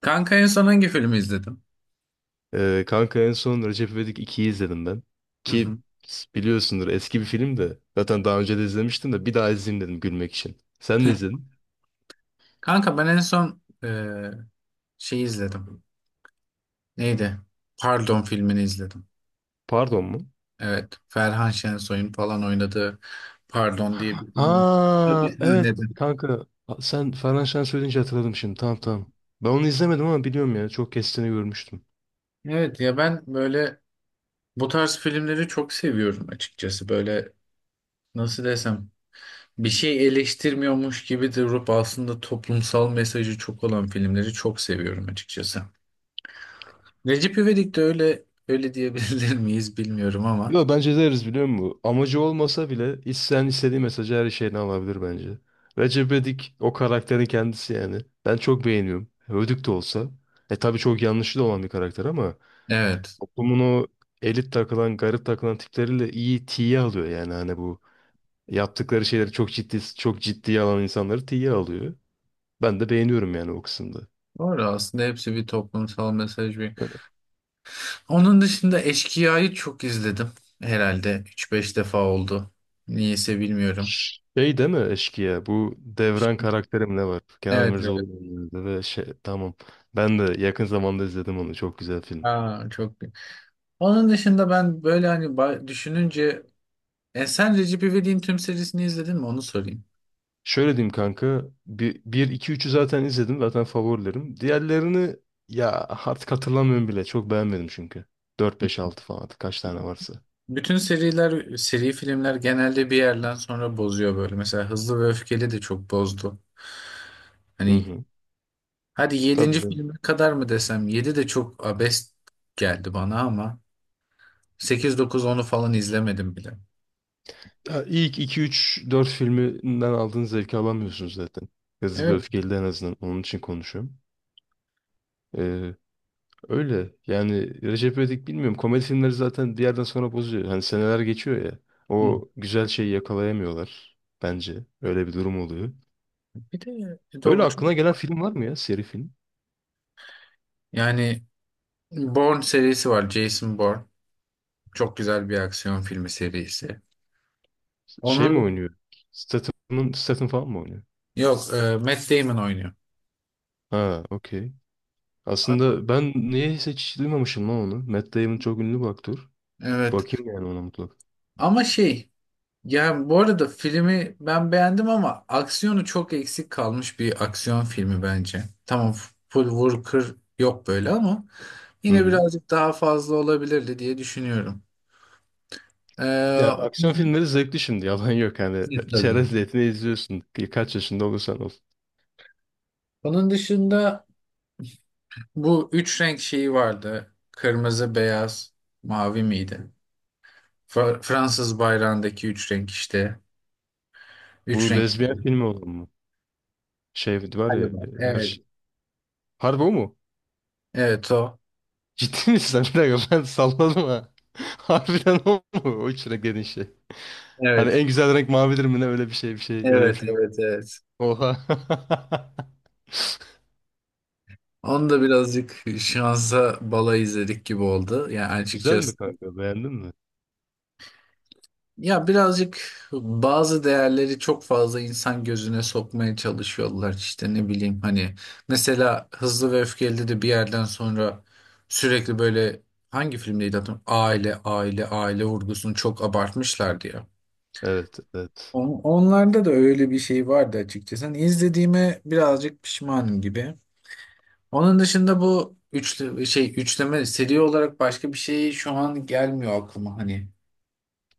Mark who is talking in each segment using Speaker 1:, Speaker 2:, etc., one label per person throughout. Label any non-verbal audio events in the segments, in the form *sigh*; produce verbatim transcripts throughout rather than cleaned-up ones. Speaker 1: Kanka en son hangi filmi izledim?
Speaker 2: Ee, kanka en son Recep İvedik ikiyi izledim ben.
Speaker 1: Hı hı.
Speaker 2: Ki biliyorsundur eski bir film de. Zaten daha önce de izlemiştim de bir daha izleyeyim dedim gülmek için. Sen de izledin.
Speaker 1: Kanka ben en son e, şey izledim. Neydi? Pardon filmini izledim.
Speaker 2: Pardon mu?
Speaker 1: Evet. Ferhan Şensoy'un falan oynadığı Pardon diye bir film. Tabii
Speaker 2: Ha, evet
Speaker 1: izledim.
Speaker 2: kanka. Sen Ferhan Şen söyleyince hatırladım şimdi. Tamam, tamam. Ben onu izlemedim ama biliyorum ya. Çok kestiğini görmüştüm.
Speaker 1: Evet ya ben böyle bu tarz filmleri çok seviyorum açıkçası. Böyle nasıl desem bir şey eleştirmiyormuş gibi durup aslında toplumsal mesajı çok olan filmleri çok seviyorum açıkçası. Recep İvedik de öyle öyle diyebilir *laughs* miyiz bilmiyorum ama.
Speaker 2: Yo, bence deriz biliyor musun? Amacı olmasa bile isteyen istediği mesajı her şeyini alabilir bence. Recep İvedik o karakterin kendisi yani. Ben çok beğeniyorum. Ödük de olsa. E tabii çok yanlışlı da olan bir karakter ama
Speaker 1: Evet.
Speaker 2: toplumun o elit takılan, garip takılan tipleriyle iyi tiye alıyor yani hani bu yaptıkları şeyleri çok ciddi çok ciddiye alan insanları tiye alıyor. Ben de beğeniyorum yani o kısımda.
Speaker 1: Doğru aslında hepsi bir toplumsal mesaj bir. Onun dışında Eşkıya'yı çok izledim. Herhalde üç beş defa oldu. Niyeyse bilmiyorum.
Speaker 2: Şey, değil mi eşkıya? Bu Devran karakterim ne var? Kenan
Speaker 1: Evet, evet.
Speaker 2: İmirzalıoğlu oynuyordu ve şey, tamam. Ben de yakın zamanda izledim onu. Çok güzel film.
Speaker 1: Aa, çok. Onun dışında ben böyle hani ba- düşününce e, sen Recep İvedik'in tüm serisini izledin mi? Onu sorayım.
Speaker 2: Şöyle diyeyim kanka. bir bir iki, üçü zaten izledim. Zaten favorilerim. Diğerlerini ya artık hatırlamıyorum bile. Çok beğenmedim çünkü. Dört beş altı falan artık kaç tane varsa.
Speaker 1: Bütün seriler, seri filmler genelde bir yerden sonra bozuyor böyle. Mesela Hızlı ve Öfkeli de çok bozdu.
Speaker 2: Hı
Speaker 1: Hani
Speaker 2: hı.
Speaker 1: hadi
Speaker 2: Tabii
Speaker 1: yedinci
Speaker 2: canım.
Speaker 1: filme kadar mı desem? Yedi de çok abest geldi bana ama. sekiz dokuz onu falan izlemedim bile.
Speaker 2: Ya ilk iki, üç, dört filminden aldığın zevki alamıyorsunuz zaten. Hızlı ve
Speaker 1: Evet.
Speaker 2: Öfkeli'de en azından. Onun için konuşuyorum. Ee, Öyle. Yani Recep İvedik bilmiyorum. Komedi filmleri zaten bir yerden sonra bozuyor. Hani seneler geçiyor ya.
Speaker 1: Hı.
Speaker 2: O güzel şeyi yakalayamıyorlar. Bence. Öyle bir durum oluyor.
Speaker 1: Bir de
Speaker 2: Böyle
Speaker 1: do-
Speaker 2: aklına gelen
Speaker 1: çok
Speaker 2: film var mı ya? Seri film.
Speaker 1: yani Bourne serisi var. Jason Bourne. Çok güzel bir aksiyon filmi serisi.
Speaker 2: Şey mi
Speaker 1: Onun
Speaker 2: oynuyor? Statham'ın, Statham falan mı oynuyor?
Speaker 1: yok e, Matt Damon oynuyor.
Speaker 2: Ha, okey.
Speaker 1: A-
Speaker 2: Aslında ben niye hiç duymamışım lan onu. Matt Damon çok ünlü bir aktör.
Speaker 1: Evet.
Speaker 2: Bakayım yani ona mutlaka.
Speaker 1: Ama şey yani bu arada filmi ben beğendim ama aksiyonu çok eksik kalmış bir aksiyon filmi bence. Tamam full vur kır yok böyle ama
Speaker 2: Hı
Speaker 1: yine
Speaker 2: hı.
Speaker 1: birazcık daha fazla olabilirdi diye düşünüyorum.
Speaker 2: Ya
Speaker 1: Ee,
Speaker 2: aksiyon filmleri zevkli şimdi. Yalan yok. Hani
Speaker 1: *laughs*
Speaker 2: *laughs*
Speaker 1: Tabii.
Speaker 2: çerez niyetine izliyorsun. Kaç yaşında olursan ol.
Speaker 1: Onun dışında bu üç renk şeyi vardı. Kırmızı, beyaz, mavi miydi? Fa- Fransız bayrağındaki üç renk işte. Üç
Speaker 2: Bu
Speaker 1: renk.
Speaker 2: lezbiyen filmi olan mı? Şey var ya,
Speaker 1: Galiba.
Speaker 2: her
Speaker 1: Evet.
Speaker 2: şey. Harbi o mu?
Speaker 1: Evet o.
Speaker 2: Ciddi misin? *laughs* Bir dakika, ben salladım ha. *laughs* Harbiden o mu? O içine gelen şey. Hani
Speaker 1: Evet.
Speaker 2: en güzel renk mavidir mi, ne öyle bir şey, bir şey, öyle bir
Speaker 1: Evet,
Speaker 2: film.
Speaker 1: evet, evet.
Speaker 2: Oha. *laughs*
Speaker 1: Onu da birazcık şansa bala izledik gibi oldu. Yani
Speaker 2: Güzel
Speaker 1: açıkçası
Speaker 2: mi kanka, beğendin mi?
Speaker 1: ya birazcık bazı değerleri çok fazla insan gözüne sokmaya çalışıyorlar işte ne bileyim hani mesela Hızlı ve Öfkeli'de de bir yerden sonra sürekli böyle hangi filmdeydi hatırlamıyorum aile aile aile vurgusunu çok abartmışlardı ya.
Speaker 2: Evet, evet.
Speaker 1: On- Onlarda da öyle bir şey vardı açıkçası. Hani izlediğime birazcık pişmanım gibi. Onun dışında bu üçlü şey üçleme seri olarak başka bir şey şu an gelmiyor aklıma hani.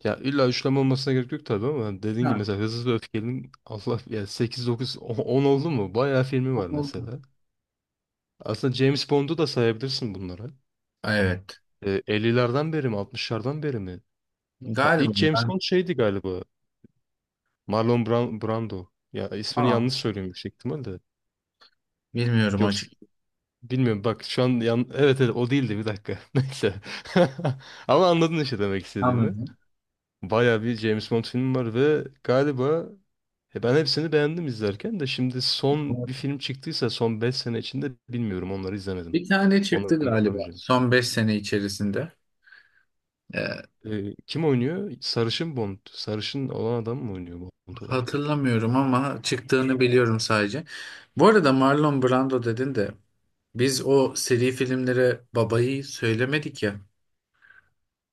Speaker 2: Ya illa üçleme olmasına gerek yok tabii ama dediğin gibi
Speaker 1: Ha.
Speaker 2: mesela Hızlı ve Öfkeli'nin Allah ya sekiz dokuz on oldu mu? Bayağı filmi var mesela. Aslında James Bond'u da sayabilirsin bunlara.
Speaker 1: Evet.
Speaker 2: E, ellilerden beri mi, altmışlardan beri mi? Ha,
Speaker 1: Galiba.
Speaker 2: ilk James Bond şeydi galiba. Marlon Bran- Brando. Ya ismini
Speaker 1: Aa,
Speaker 2: yanlış söylüyorum yüksek ihtimalle.
Speaker 1: bilmiyorum hocam.
Speaker 2: Yoksa bilmiyorum, bak şu an yan... evet evet o değildi, bir dakika. *laughs* Neyse. *laughs* Ama anladın işte demek istediğimi.
Speaker 1: Anladım.
Speaker 2: Baya bir James Bond filmi var ve galiba e, ben hepsini beğendim izlerken de, şimdi son bir film çıktıysa son beş sene içinde bilmiyorum, onları izlemedim.
Speaker 1: Bir tane
Speaker 2: Onları
Speaker 1: çıktı galiba
Speaker 2: öğrenemeyeceğim.
Speaker 1: son beş sene içerisinde. Ee,
Speaker 2: E, kim oynuyor? Sarışın Bond. Sarışın olan adam mı oynuyor Bond olarak?
Speaker 1: hatırlamıyorum ama çıktığını biliyorum sadece. Bu arada Marlon Brando dedin de biz o seri filmlere babayı söylemedik ya.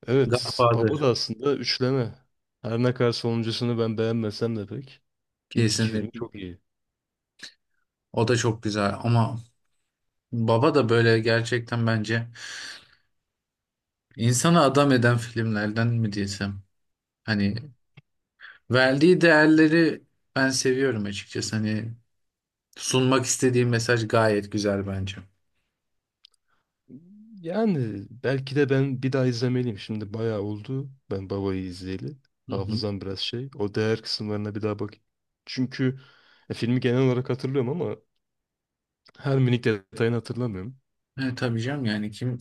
Speaker 2: Evet, Baba
Speaker 1: Godfather
Speaker 2: da aslında üçleme. Her ne kadar sonuncusunu ben beğenmesem de pek. İlk iki filmi
Speaker 1: kesinlikle.
Speaker 2: çok iyi.
Speaker 1: O da çok güzel ama Baba da böyle gerçekten bence insana adam eden filmlerden mi desem. Hani verdiği değerleri ben seviyorum açıkçası. Hani sunmak istediği mesaj gayet güzel bence.
Speaker 2: Yani belki de ben bir daha izlemeliyim. Şimdi bayağı oldu ben Baba'yı izleyeli.
Speaker 1: Hı hı.
Speaker 2: Hafızam biraz şey. O değer kısımlarına bir daha bakayım. Çünkü e, filmi genel olarak hatırlıyorum ama her minik detayını hatırlamıyorum.
Speaker 1: Evet tabii canım yani kim?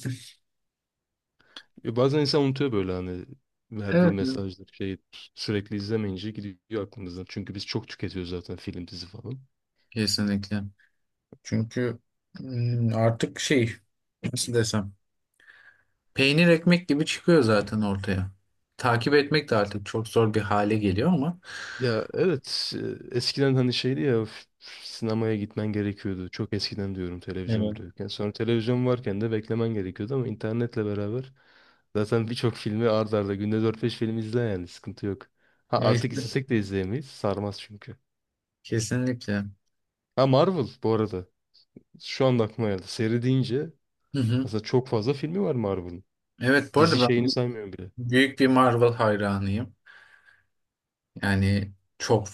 Speaker 2: E, bazen insan unutuyor böyle hani verdiği
Speaker 1: Evet.
Speaker 2: mesajlar şey, sürekli izlemeyince gidiyor aklımızdan. Çünkü biz çok tüketiyoruz zaten, film dizi falan.
Speaker 1: Kesinlikle. Çünkü mm, artık şey nasıl desem peynir ekmek gibi çıkıyor zaten ortaya. Takip etmek de artık çok zor bir hale geliyor ama
Speaker 2: Ya evet, e, eskiden hani şeydi ya, f- sinemaya gitmen gerekiyordu. Çok eskiden diyorum, televizyon
Speaker 1: evet.
Speaker 2: bile yokken. Sonra televizyon varken de beklemen gerekiyordu ama internetle beraber zaten birçok filmi art arda, günde dört beş film izle yani, sıkıntı yok. Ha,
Speaker 1: Ya
Speaker 2: artık
Speaker 1: işte
Speaker 2: istesek de izleyemeyiz. Sarmaz çünkü.
Speaker 1: kesinlikle.
Speaker 2: Ha, Marvel bu arada. Şu anda aklıma geldi. Seri deyince
Speaker 1: Hı hı.
Speaker 2: aslında çok fazla filmi var Marvel'ın.
Speaker 1: Evet bu arada
Speaker 2: Dizi şeyini
Speaker 1: ben
Speaker 2: saymıyorum bile.
Speaker 1: büyük bir Marvel hayranıyım. Yani çok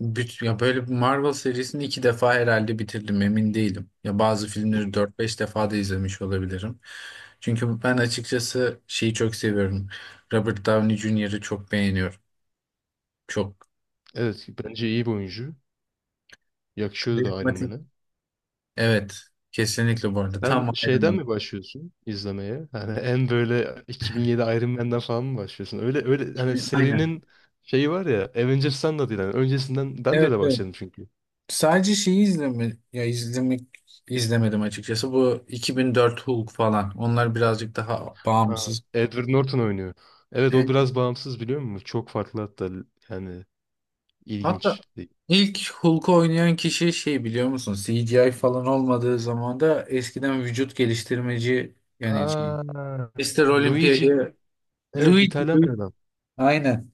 Speaker 1: Büt, ya böyle bir Marvel serisini iki defa herhalde bitirdim, emin değilim. Ya bazı
Speaker 2: Hı.
Speaker 1: filmleri dört beş defa da izlemiş olabilirim. Çünkü ben açıkçası şeyi çok seviyorum. Robert Downey Junior'ı çok beğeniyorum. Çok
Speaker 2: Evet, bence iyi bir oyuncu. Yakışıyordu da Iron
Speaker 1: karizmatik.
Speaker 2: Man'e.
Speaker 1: Evet, kesinlikle bu arada.
Speaker 2: Sen
Speaker 1: Tam Iron
Speaker 2: şeyden
Speaker 1: Man.
Speaker 2: mi başlıyorsun izlemeye? Hani en böyle iki bin yedi Iron Man'den falan mı başlıyorsun? Öyle öyle hani
Speaker 1: Gibi. Aynen.
Speaker 2: serinin şeyi var ya, Avengers'tan da değil yani, öncesinden. Ben de
Speaker 1: Evet,
Speaker 2: öyle
Speaker 1: evet.
Speaker 2: başladım çünkü.
Speaker 1: Sadece şeyi izleme, ya izlemek izlemedim açıkçası. Bu iki bin dört Hulk falan. Onlar birazcık daha
Speaker 2: Ha,
Speaker 1: bağımsız.
Speaker 2: Edward Norton oynuyor. Evet
Speaker 1: E,
Speaker 2: o biraz bağımsız biliyor musun? Çok farklı hatta yani,
Speaker 1: Hatta
Speaker 2: ilginç.
Speaker 1: İlk Hulk'u oynayan kişi şey biliyor musun? C G I falan olmadığı zaman da eskiden vücut geliştirmeci yani şey,
Speaker 2: Aa,
Speaker 1: Mister
Speaker 2: Luigi,
Speaker 1: Olympia'yı
Speaker 2: evet
Speaker 1: Luigi,
Speaker 2: İtalyan bir
Speaker 1: Luigi.
Speaker 2: adam.
Speaker 1: Aynen.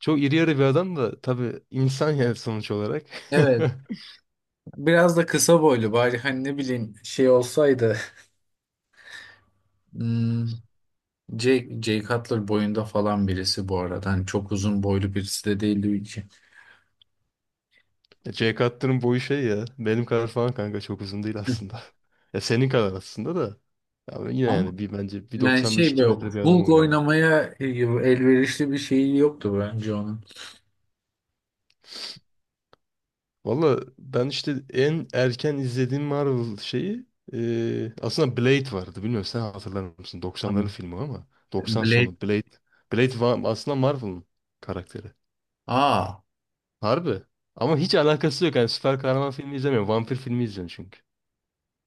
Speaker 2: Çok iri yarı bir adam da tabii insan, yani sonuç olarak. *laughs*
Speaker 1: Evet. Biraz da kısa boylu bari hani ne bileyim şey olsaydı *laughs* hmm, Jake, Jake Cutler boyunda falan birisi bu arada. Hani çok uzun boylu birisi de değil Luigi.
Speaker 2: Ya C kattının boyu şey ya. Benim kadar falan kanka, çok uzun değil aslında.
Speaker 1: *laughs*
Speaker 2: *laughs* Ya senin kadar aslında da. Ya ben yine
Speaker 1: Ama
Speaker 2: yani bir, bence
Speaker 1: yani
Speaker 2: yüz doksan beş,
Speaker 1: şey
Speaker 2: iki
Speaker 1: böyle
Speaker 2: metre bir adam
Speaker 1: Hulk
Speaker 2: oynamalı.
Speaker 1: oynamaya elverişli bir şey yoktu bence onun.
Speaker 2: Valla ben işte en erken izlediğim Marvel şeyi e, aslında Blade vardı. Bilmiyorum sen hatırlar mısın? doksanların
Speaker 1: Tamam.
Speaker 2: filmi o ama. doksan
Speaker 1: Blade.
Speaker 2: sonu Blade. Blade va- aslında Marvel'ın karakteri.
Speaker 1: Aa.
Speaker 2: Harbi. Ama hiç alakası yok. Yani süper kahraman filmi izlemiyorum, vampir filmi izliyorum çünkü.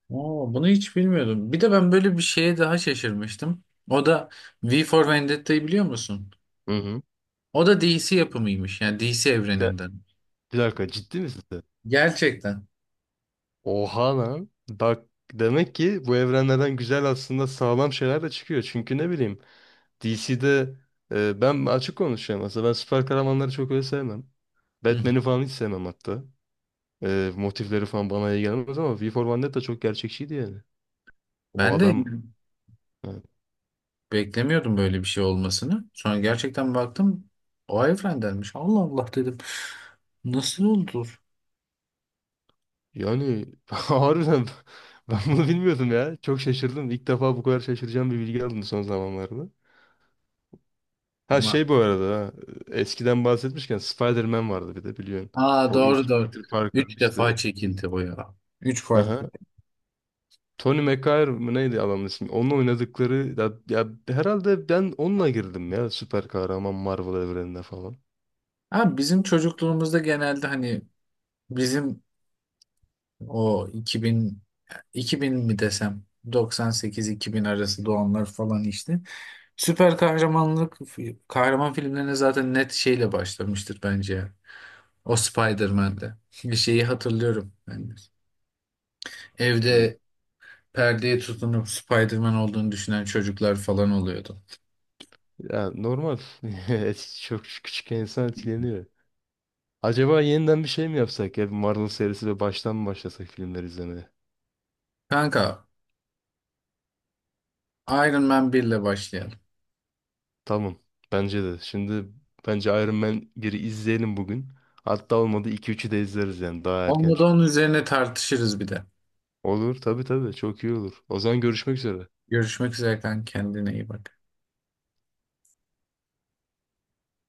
Speaker 1: Oo, bunu hiç bilmiyordum. Bir de ben böyle bir şeye daha şaşırmıştım. O da V for Vendetta'yı biliyor musun?
Speaker 2: Hı hı.
Speaker 1: O da D C yapımıymış. Yani D C
Speaker 2: Sen-
Speaker 1: evreninden.
Speaker 2: Bir dakika, ciddi misin? Sen?
Speaker 1: Gerçekten.
Speaker 2: Oha lan. Bak, demek ki bu evrenlerden güzel, aslında sağlam şeyler de çıkıyor. Çünkü ne bileyim, D C'de e, ben açık konuşuyorum aslında. Ben süper kahramanları çok öyle sevmem.
Speaker 1: Hı hı.
Speaker 2: Batman'i falan hiç sevmem hatta. E, motifleri falan bana iyi gelmez ama V for Vendetta çok gerçekçiydi yani. O
Speaker 1: Ben de
Speaker 2: adam yani,
Speaker 1: *laughs* beklemiyordum böyle bir şey olmasını. Sonra gerçekten baktım o evrendenmiş. Allah Allah dedim. Nasıl oldu?
Speaker 2: yani *laughs* harbiden
Speaker 1: Hı
Speaker 2: ben
Speaker 1: hı.
Speaker 2: bunu bilmiyordum ya. Çok şaşırdım. İlk defa bu kadar şaşıracağım bir bilgi aldım son zamanlarda. Ha
Speaker 1: Ama
Speaker 2: şey, bu arada ha, eskiden bahsetmişken Spider-Man vardı bir de, biliyorsun.
Speaker 1: aa
Speaker 2: O
Speaker 1: doğru
Speaker 2: ilk
Speaker 1: doğru.
Speaker 2: Peter Parker
Speaker 1: Üç
Speaker 2: işte.
Speaker 1: defa çekildi o ya. Üç farklı.
Speaker 2: Aha. Tony McGuire mı neydi adamın ismi? Onun oynadıkları ya, ya herhalde ben onunla girdim ya süper kahraman Marvel evrenine falan.
Speaker 1: Ha, bizim çocukluğumuzda genelde hani bizim O iki bin iki bin mi desem doksan sekiz-iki bin arası doğanlar falan işte. Süper kahramanlık kahraman filmlerine zaten net şeyle başlamıştır bence ya. O Spider-Man'de. Bir şeyi hatırlıyorum ben de.
Speaker 2: Hı.
Speaker 1: Evde perdeye tutunup Spider-Man olduğunu düşünen çocuklar falan oluyordu.
Speaker 2: Ya normal. *laughs* Eski- Çok küçük, insan etkileniyor. Acaba yeniden bir şey mi yapsak ya? Bir Marvel serisi ve baştan mı başlasak filmleri izlemeye?
Speaker 1: Kanka Iron Man bir ile başlayalım.
Speaker 2: Tamam. Bence de. Şimdi bence Iron Man biri izleyelim bugün. Hatta olmadı iki üçü de izleriz yani, daha erken
Speaker 1: Olmadı
Speaker 2: çünkü.
Speaker 1: onun üzerine tartışırız bir de.
Speaker 2: Olur tabii tabii, çok iyi olur. O zaman görüşmek üzere.
Speaker 1: Görüşmek üzere kanka, kendine iyi bak.